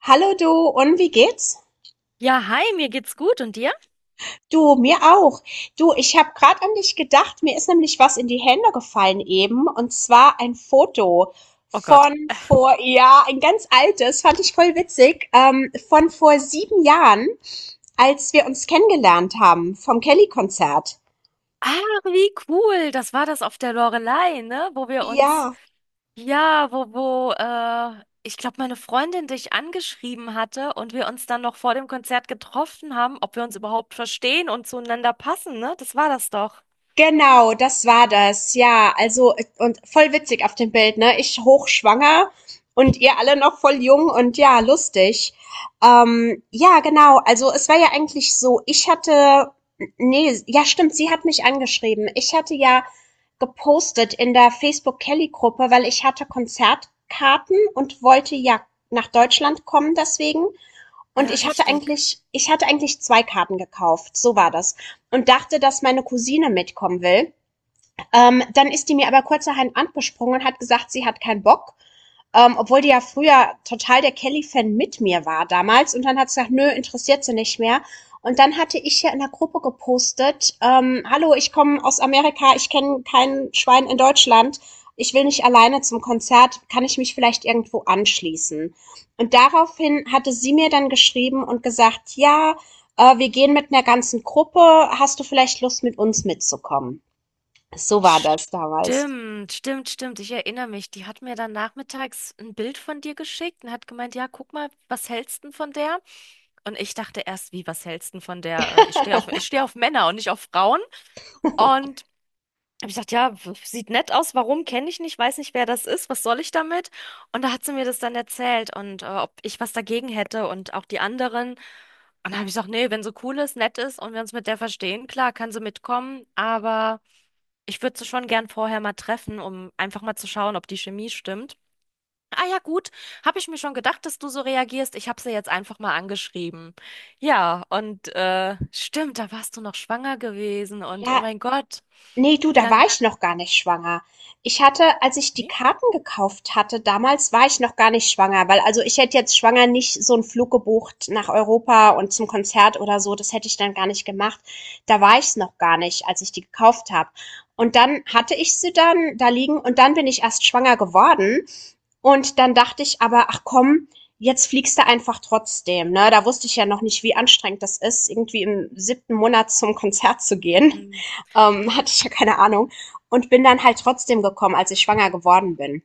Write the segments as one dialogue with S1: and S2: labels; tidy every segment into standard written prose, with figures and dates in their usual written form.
S1: Hallo du, und wie geht's?
S2: Ja, hi, mir geht's gut und dir?
S1: Du, mir auch. Du, ich habe gerade an dich gedacht. Mir ist nämlich was in die Hände gefallen eben. Und zwar ein Foto
S2: Oh Gott.
S1: von vor, ja, ein ganz altes, fand ich voll witzig, von vor 7 Jahren, als wir uns kennengelernt haben vom Kelly-Konzert.
S2: Ah, wie cool. Das war das auf der Loreley, ne? Wo wir uns,
S1: Ja.
S2: ja, wo, wo, ich glaube, meine Freundin dich angeschrieben hatte und wir uns dann noch vor dem Konzert getroffen haben, ob wir uns überhaupt verstehen und zueinander passen, ne? Das war das doch.
S1: Genau, das war das, ja. Also, und voll witzig auf dem Bild, ne? Ich hochschwanger und ihr alle noch voll jung und ja, lustig. Ja, genau. Also, es war ja eigentlich so, ich hatte, nee, ja, stimmt, sie hat mich angeschrieben. Ich hatte ja gepostet in der Facebook Kelly Gruppe, weil ich hatte Konzertkarten und wollte ja nach Deutschland kommen deswegen, und
S2: Ja,
S1: ich hatte
S2: richtig.
S1: eigentlich ich hatte eigentlich 2 Karten gekauft, so war das, und dachte, dass meine Cousine mitkommen will. Dann ist die mir aber kurzerhand angesprungen und hat gesagt, sie hat keinen Bock. Obwohl die ja früher total der Kelly-Fan mit mir war damals. Und dann hat sie gesagt, nö, interessiert sie nicht mehr. Und dann hatte ich ja in der Gruppe gepostet, hallo, ich komme aus Amerika, ich kenne kein Schwein in Deutschland, ich will nicht alleine zum Konzert, kann ich mich vielleicht irgendwo anschließen? Und daraufhin hatte sie mir dann geschrieben und gesagt, ja, wir gehen mit einer ganzen Gruppe, hast du vielleicht Lust, mit uns mitzukommen? So war das damals.
S2: Stimmt, stimmt, stimmt. Ich erinnere mich. Die hat mir dann nachmittags ein Bild von dir geschickt und hat gemeint, ja, guck mal, was hältst du von der? Und ich dachte erst, wie, was hältst du denn von der, ich stehe auf, ich stehe auf Männer und nicht auf Frauen. Und habe ich gedacht, ja, sieht nett aus, warum kenne ich nicht, weiß nicht, wer das ist, was soll ich damit? Und da hat sie mir das dann erzählt und ob ich was dagegen hätte und auch die anderen. Und dann habe ich gesagt, nee, wenn sie cool ist, nett ist und wir uns mit der verstehen, klar, kann sie mitkommen, aber ich würde sie schon gern vorher mal treffen, um einfach mal zu schauen, ob die Chemie stimmt. Ah ja, gut. Habe ich mir schon gedacht, dass du so reagierst. Ich habe sie jetzt einfach mal angeschrieben. Ja, und stimmt, da warst du noch schwanger gewesen und oh
S1: Ja.
S2: mein Gott,
S1: Ne, du,
S2: wie
S1: da war
S2: lang?
S1: ich noch gar nicht schwanger. Ich hatte, als ich die
S2: Nee?
S1: Karten gekauft hatte damals, war ich noch gar nicht schwanger, weil, also, ich hätte jetzt schwanger nicht so einen Flug gebucht nach Europa und zum Konzert oder so, das hätte ich dann gar nicht gemacht. Da war ich's noch gar nicht, als ich die gekauft habe. Und dann hatte ich sie dann da liegen und dann bin ich erst schwanger geworden und dann dachte ich aber: „Ach komm, jetzt fliegst du einfach trotzdem“, ne? Da wusste ich ja noch nicht, wie anstrengend das ist, irgendwie im siebten Monat zum Konzert zu gehen.
S2: Hm.
S1: Hatte ich ja keine Ahnung. Und bin dann halt trotzdem gekommen, als ich schwanger geworden bin.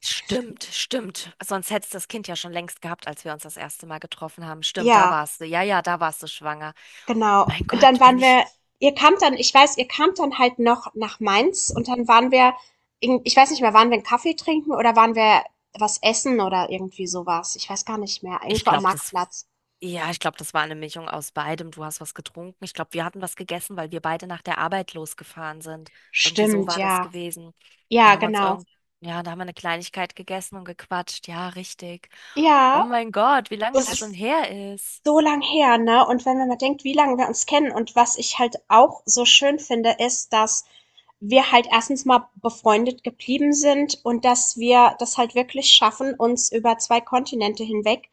S2: Stimmt, stimmt. Sonst hättest du das Kind ja schon längst gehabt, als wir uns das erste Mal getroffen haben. Stimmt, da
S1: Ja,
S2: warst du. Ja, ja, da warst du schwanger.
S1: genau.
S2: Mein
S1: Und dann
S2: Gott, wenn
S1: waren
S2: ich,
S1: wir, ihr kamt dann, ich weiß, ihr kamt dann halt noch nach Mainz und dann waren wir, ich weiß nicht mehr, waren wir einen Kaffee trinken oder waren wir was essen oder irgendwie sowas. Ich weiß gar nicht mehr.
S2: ich
S1: Irgendwo am
S2: glaube, das
S1: Marktplatz.
S2: Ja, ich glaube, das war eine Mischung aus beidem. Du hast was getrunken. Ich glaube, wir hatten was gegessen, weil wir beide nach der Arbeit losgefahren sind. Irgendwie so
S1: Stimmt,
S2: war das
S1: ja.
S2: gewesen. Da
S1: Ja,
S2: haben wir uns
S1: genau.
S2: irgend, ja, da haben wir eine Kleinigkeit gegessen und gequatscht. Ja, richtig. Oh
S1: Ja,
S2: mein Gott, wie lange
S1: das
S2: das schon
S1: ist
S2: her ist.
S1: so lang her, ne? Und wenn man mal denkt, wie lange wir uns kennen, und was ich halt auch so schön finde, ist, dass wir halt erstens mal befreundet geblieben sind und dass wir das halt wirklich schaffen, uns über zwei Kontinente hinweg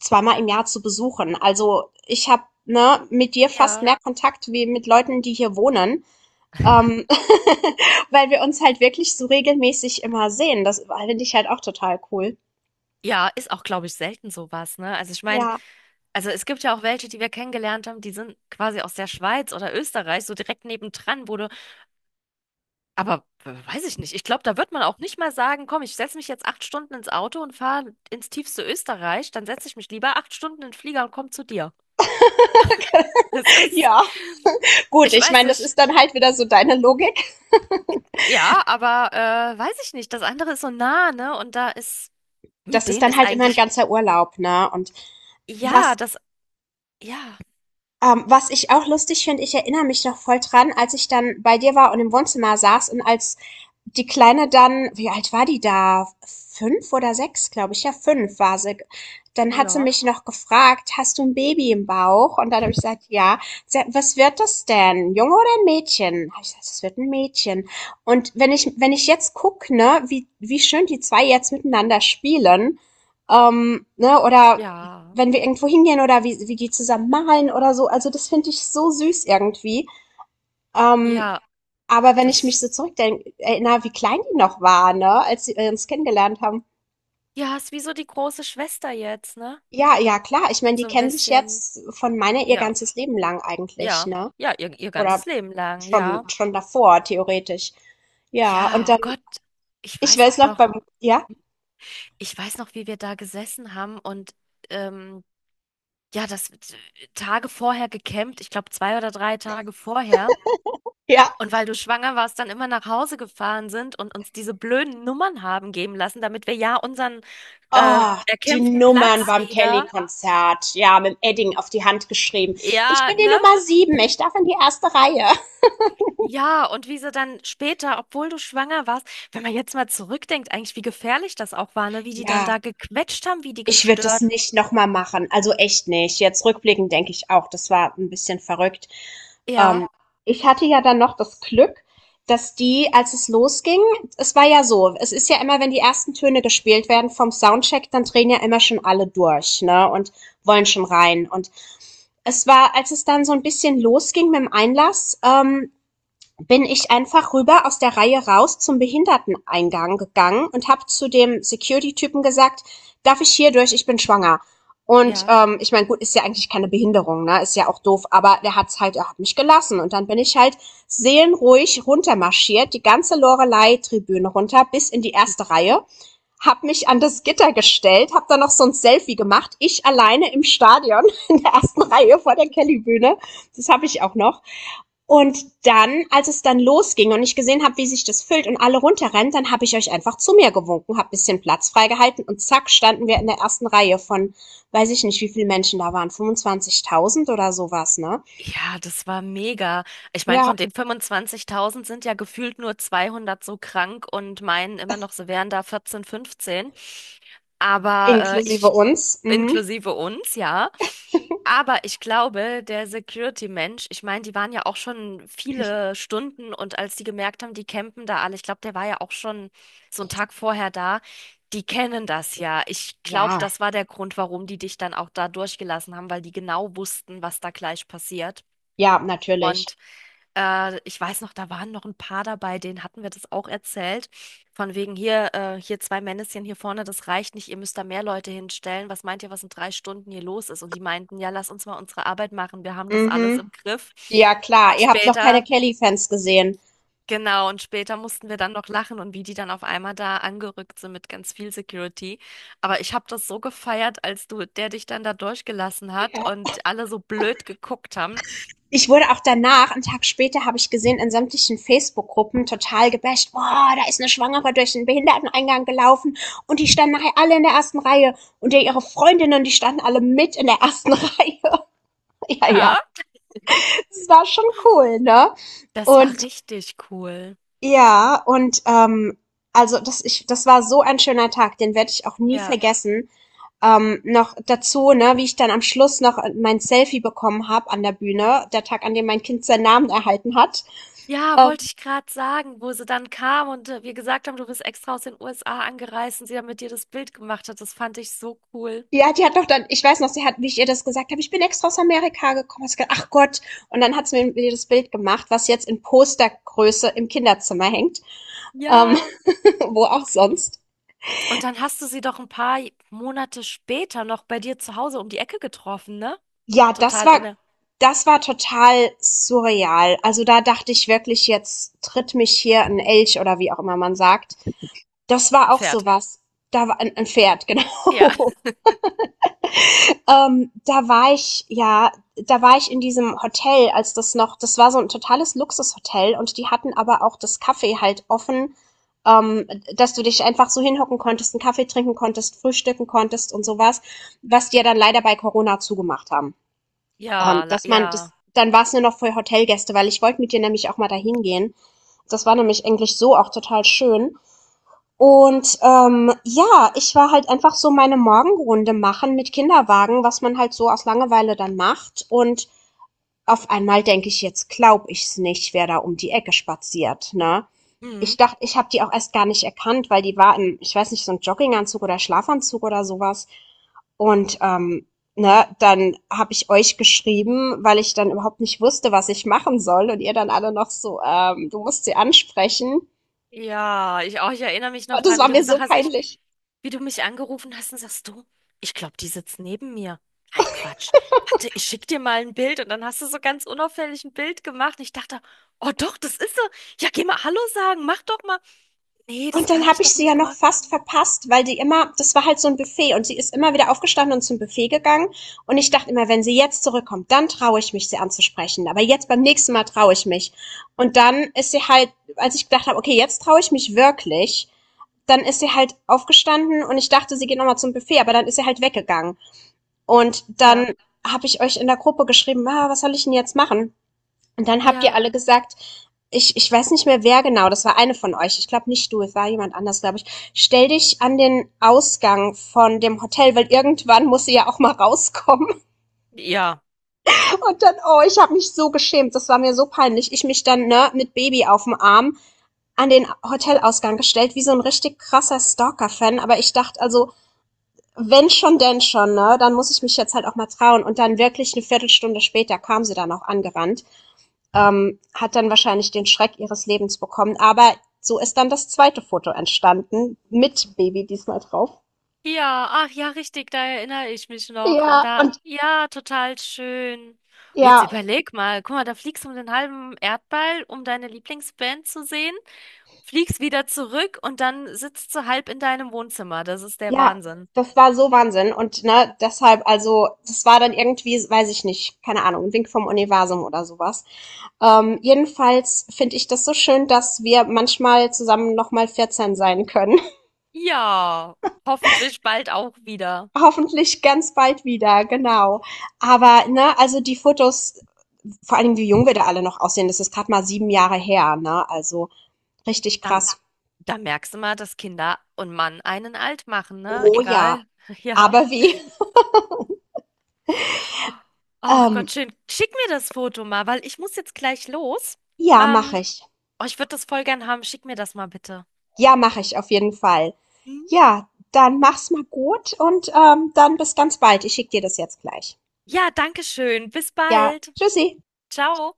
S1: zweimal im Jahr zu besuchen. Also ich habe ne, mit dir fast
S2: Ja.
S1: mehr Kontakt wie mit Leuten, die hier wohnen, ähm, weil wir uns halt wirklich so regelmäßig immer sehen. Das finde ich halt auch total cool.
S2: Ja, ist auch, glaube ich, selten sowas, ne? Also ich meine,
S1: Ja.
S2: also es gibt ja auch welche, die wir kennengelernt haben, die sind quasi aus der Schweiz oder Österreich, so direkt nebendran, wo du. Aber weiß ich nicht. Ich glaube, da wird man auch nicht mal sagen, komm, ich setze mich jetzt acht Stunden ins Auto und fahre ins tiefste Österreich. Dann setze ich mich lieber acht Stunden in den Flieger und komme zu dir. Es ist,
S1: Ja. Gut,
S2: ich
S1: ich
S2: weiß
S1: meine, das
S2: nicht,
S1: ist dann halt wieder so deine Logik.
S2: ja, aber weiß ich nicht. Das andere ist so nah, ne? Und da ist,
S1: Das
S2: mit
S1: ist
S2: denen
S1: dann
S2: ist
S1: halt immer ein
S2: eigentlich,
S1: ganzer Urlaub, ne? Und was
S2: ja, das, ja,
S1: was ich auch lustig finde, ich erinnere mich noch voll dran, als ich dann bei dir war und im Wohnzimmer saß, und als die Kleine dann, wie alt war die da? 5 oder 6, glaube ich. Ja, 5 war sie. Dann hat sie
S2: ja,
S1: mich noch gefragt, hast du ein Baby im Bauch? Und dann habe ich gesagt, ja. Sie hat, was wird das denn? Junge oder ein Mädchen? Habe ich gesagt, es wird ein Mädchen. Und wenn ich, wenn ich jetzt gucke, ne, wie, wie schön die zwei jetzt miteinander spielen, ne, oder
S2: ja,
S1: wenn wir irgendwo hingehen oder wie, wie die zusammen malen oder so. Also das finde ich so süß irgendwie. Ähm,
S2: ja,
S1: aber wenn ich mich so
S2: das,
S1: zurückdenke, erinnere, wie klein die noch war, ne, als sie uns kennengelernt haben.
S2: ja, ist wie so die große Schwester jetzt, ne?
S1: Ja, ja, klar. Ich meine, die
S2: So ein
S1: kennen sich
S2: bisschen,
S1: jetzt von meiner ihr
S2: ja,
S1: ganzes Leben lang eigentlich,
S2: ja,
S1: ne?
S2: ihr
S1: Oder
S2: ganzes Leben lang,
S1: schon,
S2: ja.
S1: schon davor, theoretisch. Ja, und
S2: Ja, oh
S1: dann,
S2: Gott, ich
S1: ich
S2: weiß
S1: weiß
S2: auch
S1: noch
S2: noch,
S1: beim, ja,
S2: ich weiß noch, wie wir da gesessen haben und ähm, ja, das Tage vorher gecampt, ich glaube zwei oder drei Tage vorher.
S1: ja,
S2: Und weil du schwanger warst, dann immer nach Hause gefahren sind und uns diese blöden Nummern haben geben lassen, damit wir ja unseren
S1: oh, die
S2: erkämpften
S1: Nummern
S2: Platz
S1: beim
S2: wieder.
S1: Kelly-Konzert, ja, mit dem Edding auf die Hand geschrieben. Ich
S2: Ja,
S1: bin die
S2: ne?
S1: Nummer 7, ich darf in die erste Reihe.
S2: Ja, und wie sie dann später, obwohl du schwanger warst, wenn man jetzt mal zurückdenkt, eigentlich, wie gefährlich das auch war, ne? Wie die dann
S1: Ja,
S2: da gequetscht haben, wie die
S1: ich würde das
S2: gestört.
S1: nicht noch mal machen, also echt nicht. Jetzt rückblickend denke ich auch, das war ein bisschen verrückt. Ähm,
S2: Ja,
S1: Ich hatte ja dann noch das Glück, dass die, als es losging, es war ja so, es ist ja immer, wenn die ersten Töne gespielt werden vom Soundcheck, dann drehen ja immer schon alle durch, ne, und wollen schon rein. Und es war, als es dann so ein bisschen losging mit dem Einlass, bin ich einfach rüber aus der Reihe raus zum Behinderteneingang gegangen und habe zu dem Security-Typen gesagt, darf ich hier durch, ich bin schwanger. Und
S2: ja.
S1: ich meine, gut, ist ja eigentlich keine Behinderung, ne? Ist ja auch doof, aber der hat's halt, er hat mich gelassen. Und dann bin ich halt seelenruhig runtermarschiert, die ganze Lorelei-Tribüne runter, bis in die erste Reihe, hab mich an das Gitter gestellt, hab dann noch so ein Selfie gemacht, ich alleine im Stadion in der ersten Reihe vor der Kellybühne. Das habe ich auch noch. Und dann, als es dann losging und ich gesehen habe, wie sich das füllt und alle runterrennen, dann habe ich euch einfach zu mir gewunken, habe ein bisschen Platz freigehalten, und zack, standen wir in der ersten Reihe von, weiß ich nicht, wie viele Menschen da waren, 25.000 oder sowas, ne?
S2: Ja, das war mega. Ich meine,
S1: Ja,
S2: von den 25.000 sind ja gefühlt nur 200 so krank und meinen immer noch, sie wären da 14, 15. Aber
S1: inklusive uns. Mhm.
S2: inklusive uns, ja. Aber ich glaube, der Security-Mensch, ich meine, die waren ja auch schon viele Stunden und als die gemerkt haben, die campen da alle, ich glaube, der war ja auch schon so einen Tag vorher da, die kennen das ja. Ich glaube,
S1: Ja,
S2: das war der Grund, warum die dich dann auch da durchgelassen haben, weil die genau wussten, was da gleich passiert.
S1: ja, natürlich.
S2: Und ich weiß noch, da waren noch ein paar dabei, denen hatten wir das auch erzählt. Von wegen hier, hier zwei Männchen hier vorne, das reicht nicht, ihr müsst da mehr Leute hinstellen. Was meint ihr, was in drei Stunden hier los ist? Und die meinten, ja, lass uns mal unsere Arbeit machen, wir haben das alles
S1: Mhm.
S2: im Griff.
S1: Ja, klar,
S2: Und
S1: ihr habt noch keine
S2: später,
S1: Kelly-Fans gesehen.
S2: genau, und später mussten wir dann noch lachen und wie die dann auf einmal da angerückt sind mit ganz viel Security. Aber ich habe das so gefeiert, als du, der dich dann da durchgelassen hat
S1: Ja,
S2: und alle so blöd geguckt haben.
S1: ich wurde auch danach, einen Tag später, habe ich gesehen, in sämtlichen Facebook-Gruppen total gebasht. Boah, da ist eine Schwangere durch den Behinderteneingang gelaufen und die standen nachher alle in der ersten Reihe und ja, ihre Freundinnen, die standen alle mit in der ersten Reihe. Ja, ja,
S2: Ja.
S1: das war schon cool, ne?
S2: Das war
S1: Und
S2: richtig cool.
S1: ja, und also das, ich, das war so ein schöner Tag, den werde ich auch nie
S2: Ja.
S1: vergessen. Noch dazu, ne, wie ich dann am Schluss noch mein Selfie bekommen habe an der Bühne, der Tag, an dem mein Kind seinen Namen erhalten hat.
S2: Ja,
S1: Ähm,
S2: wollte ich gerade sagen, wo sie dann kam und wir gesagt haben, du bist extra aus den USA angereist und sie dann mit dir das Bild gemacht hat. Das fand ich so cool.
S1: ja, die hat doch dann, ich weiß noch, sie hat, wie ich ihr das gesagt habe: „Ich bin extra aus Amerika gekommen.“ Hat sie gesagt: „Ach Gott.“ Und dann hat sie mir das Bild gemacht, was jetzt in Postergröße im Kinderzimmer hängt, ähm,
S2: Ja.
S1: wo auch sonst.
S2: Und dann hast du sie doch ein paar Monate später noch bei dir zu Hause um die Ecke getroffen, ne?
S1: Ja, das
S2: Total
S1: war
S2: ohne
S1: das war total surreal. Also, da dachte ich wirklich: „Jetzt tritt mich hier ein Elch“, oder wie auch immer man sagt. Das
S2: ein
S1: war auch
S2: Pferd.
S1: sowas. Da war ein 'n Pferd,
S2: Ja.
S1: genau. Ähm, da war ich, ja, da war ich in diesem Hotel, als das noch, das war so ein totales Luxushotel, und die hatten aber auch das Café halt offen, ähm, dass du dich einfach so hinhocken konntest, einen Kaffee trinken konntest, frühstücken konntest und sowas, was die ja dann leider bei Corona zugemacht haben.
S2: Ja, la-
S1: Dass man das,
S2: ja.
S1: dann war es nur noch für Hotelgäste, weil ich wollte mit dir nämlich auch mal dahin gehen. Das war nämlich eigentlich so auch total schön. Und ja, ich war halt einfach so meine Morgenrunde machen mit Kinderwagen, was man halt so aus Langeweile dann macht. Und auf einmal denke ich, jetzt glaub ich's nicht, wer da um die Ecke spaziert, ne? Ich
S2: Mhm.
S1: dachte, ich habe die auch erst gar nicht erkannt, weil die war in, ich weiß nicht, so ein Jogginganzug oder Schlafanzug oder sowas. Und ne, dann habe ich euch geschrieben, weil ich dann überhaupt nicht wusste, was ich machen soll. Und ihr dann alle noch so, du musst sie ansprechen.
S2: Ja, ich auch. Ich erinnere mich noch
S1: Und das
S2: dran,
S1: war mir so peinlich.
S2: wie du mich angerufen hast und sagst du, ich glaube, die sitzt neben mir. Ein Quatsch. Warte, ich schick dir mal ein Bild und dann hast du so ganz unauffällig ein Bild gemacht. Und ich dachte, oh doch, das ist sie. Ja, geh mal Hallo sagen, mach doch mal. Nee, das
S1: Und dann
S2: kann
S1: habe
S2: ich
S1: ich
S2: doch
S1: sie ja
S2: nicht
S1: noch
S2: machen.
S1: fast verpasst, weil die immer, das war halt so ein Buffet und sie ist immer wieder aufgestanden und zum Buffet gegangen. Und ich dachte immer, wenn sie jetzt zurückkommt, dann traue ich mich, sie anzusprechen. Aber jetzt beim nächsten Mal traue ich mich. Und dann ist sie halt, als ich gedacht habe, okay, jetzt traue ich mich wirklich, dann ist sie halt aufgestanden und ich dachte, sie geht nochmal zum Buffet, aber dann ist sie halt weggegangen. Und
S2: Ja,
S1: dann habe ich euch in der Gruppe geschrieben, ah, was soll ich denn jetzt machen? Und dann habt ihr
S2: ja,
S1: alle gesagt, ich weiß nicht mehr wer genau, das war eine von euch. Ich glaube nicht du, es war jemand anders, glaube ich. Stell dich an den Ausgang von dem Hotel, weil irgendwann muss sie ja auch mal rauskommen.
S2: ja.
S1: Und dann, oh, ich habe mich so geschämt, das war mir so peinlich. Ich mich dann ne, mit Baby auf dem Arm an den Hotelausgang gestellt, wie so ein richtig krasser Stalker-Fan. Aber ich dachte, also, wenn schon, denn schon, ne? Dann muss ich mich jetzt halt auch mal trauen. Und dann wirklich eine Viertelstunde später kam sie dann auch angerannt. Hat dann wahrscheinlich den Schreck ihres Lebens bekommen. Aber so ist dann das zweite Foto entstanden, mit Baby diesmal drauf.
S2: Ja, ach ja, richtig, da erinnere ich mich noch. Und
S1: Ja.
S2: da,
S1: Und
S2: ja, total schön. Jetzt
S1: ja,
S2: überleg mal, guck mal, da fliegst du um den halben Erdball, um deine Lieblingsband zu sehen, fliegst wieder zurück und dann sitzt du halb in deinem Wohnzimmer. Das ist der
S1: ja,
S2: Wahnsinn.
S1: das war so Wahnsinn. Und ne, deshalb, also, das war dann irgendwie, weiß ich nicht, keine Ahnung, ein Wink vom Universum oder sowas. Jedenfalls finde ich das so schön, dass wir manchmal zusammen nochmal 14 sein können.
S2: Ja, hoffentlich bald auch wieder.
S1: Hoffentlich ganz bald wieder, genau. Aber, ne, also die Fotos. Vor allem, wie jung wir da alle noch aussehen. Das ist gerade mal 7 Jahre her, ne? Also richtig
S2: Dann,
S1: krass.
S2: dann merkst du mal, dass Kinder und Mann einen alt machen, ne?
S1: Oh ja.
S2: Egal. Ja.
S1: Aber wie?
S2: Ach
S1: Ähm,
S2: Gott, schön. Schick mir das Foto mal, weil ich muss jetzt gleich los.
S1: ja, mache
S2: Ähm,
S1: ich.
S2: Oh, ich würde das voll gern haben. Schick mir das mal bitte.
S1: Ja, mache ich auf jeden Fall.
S2: Mhm.
S1: Ja, dann mach's mal gut und dann bis ganz bald. Ich schicke dir das jetzt gleich.
S2: Ja, danke schön. Bis
S1: Ja,
S2: bald.
S1: tschüssi.
S2: Ciao.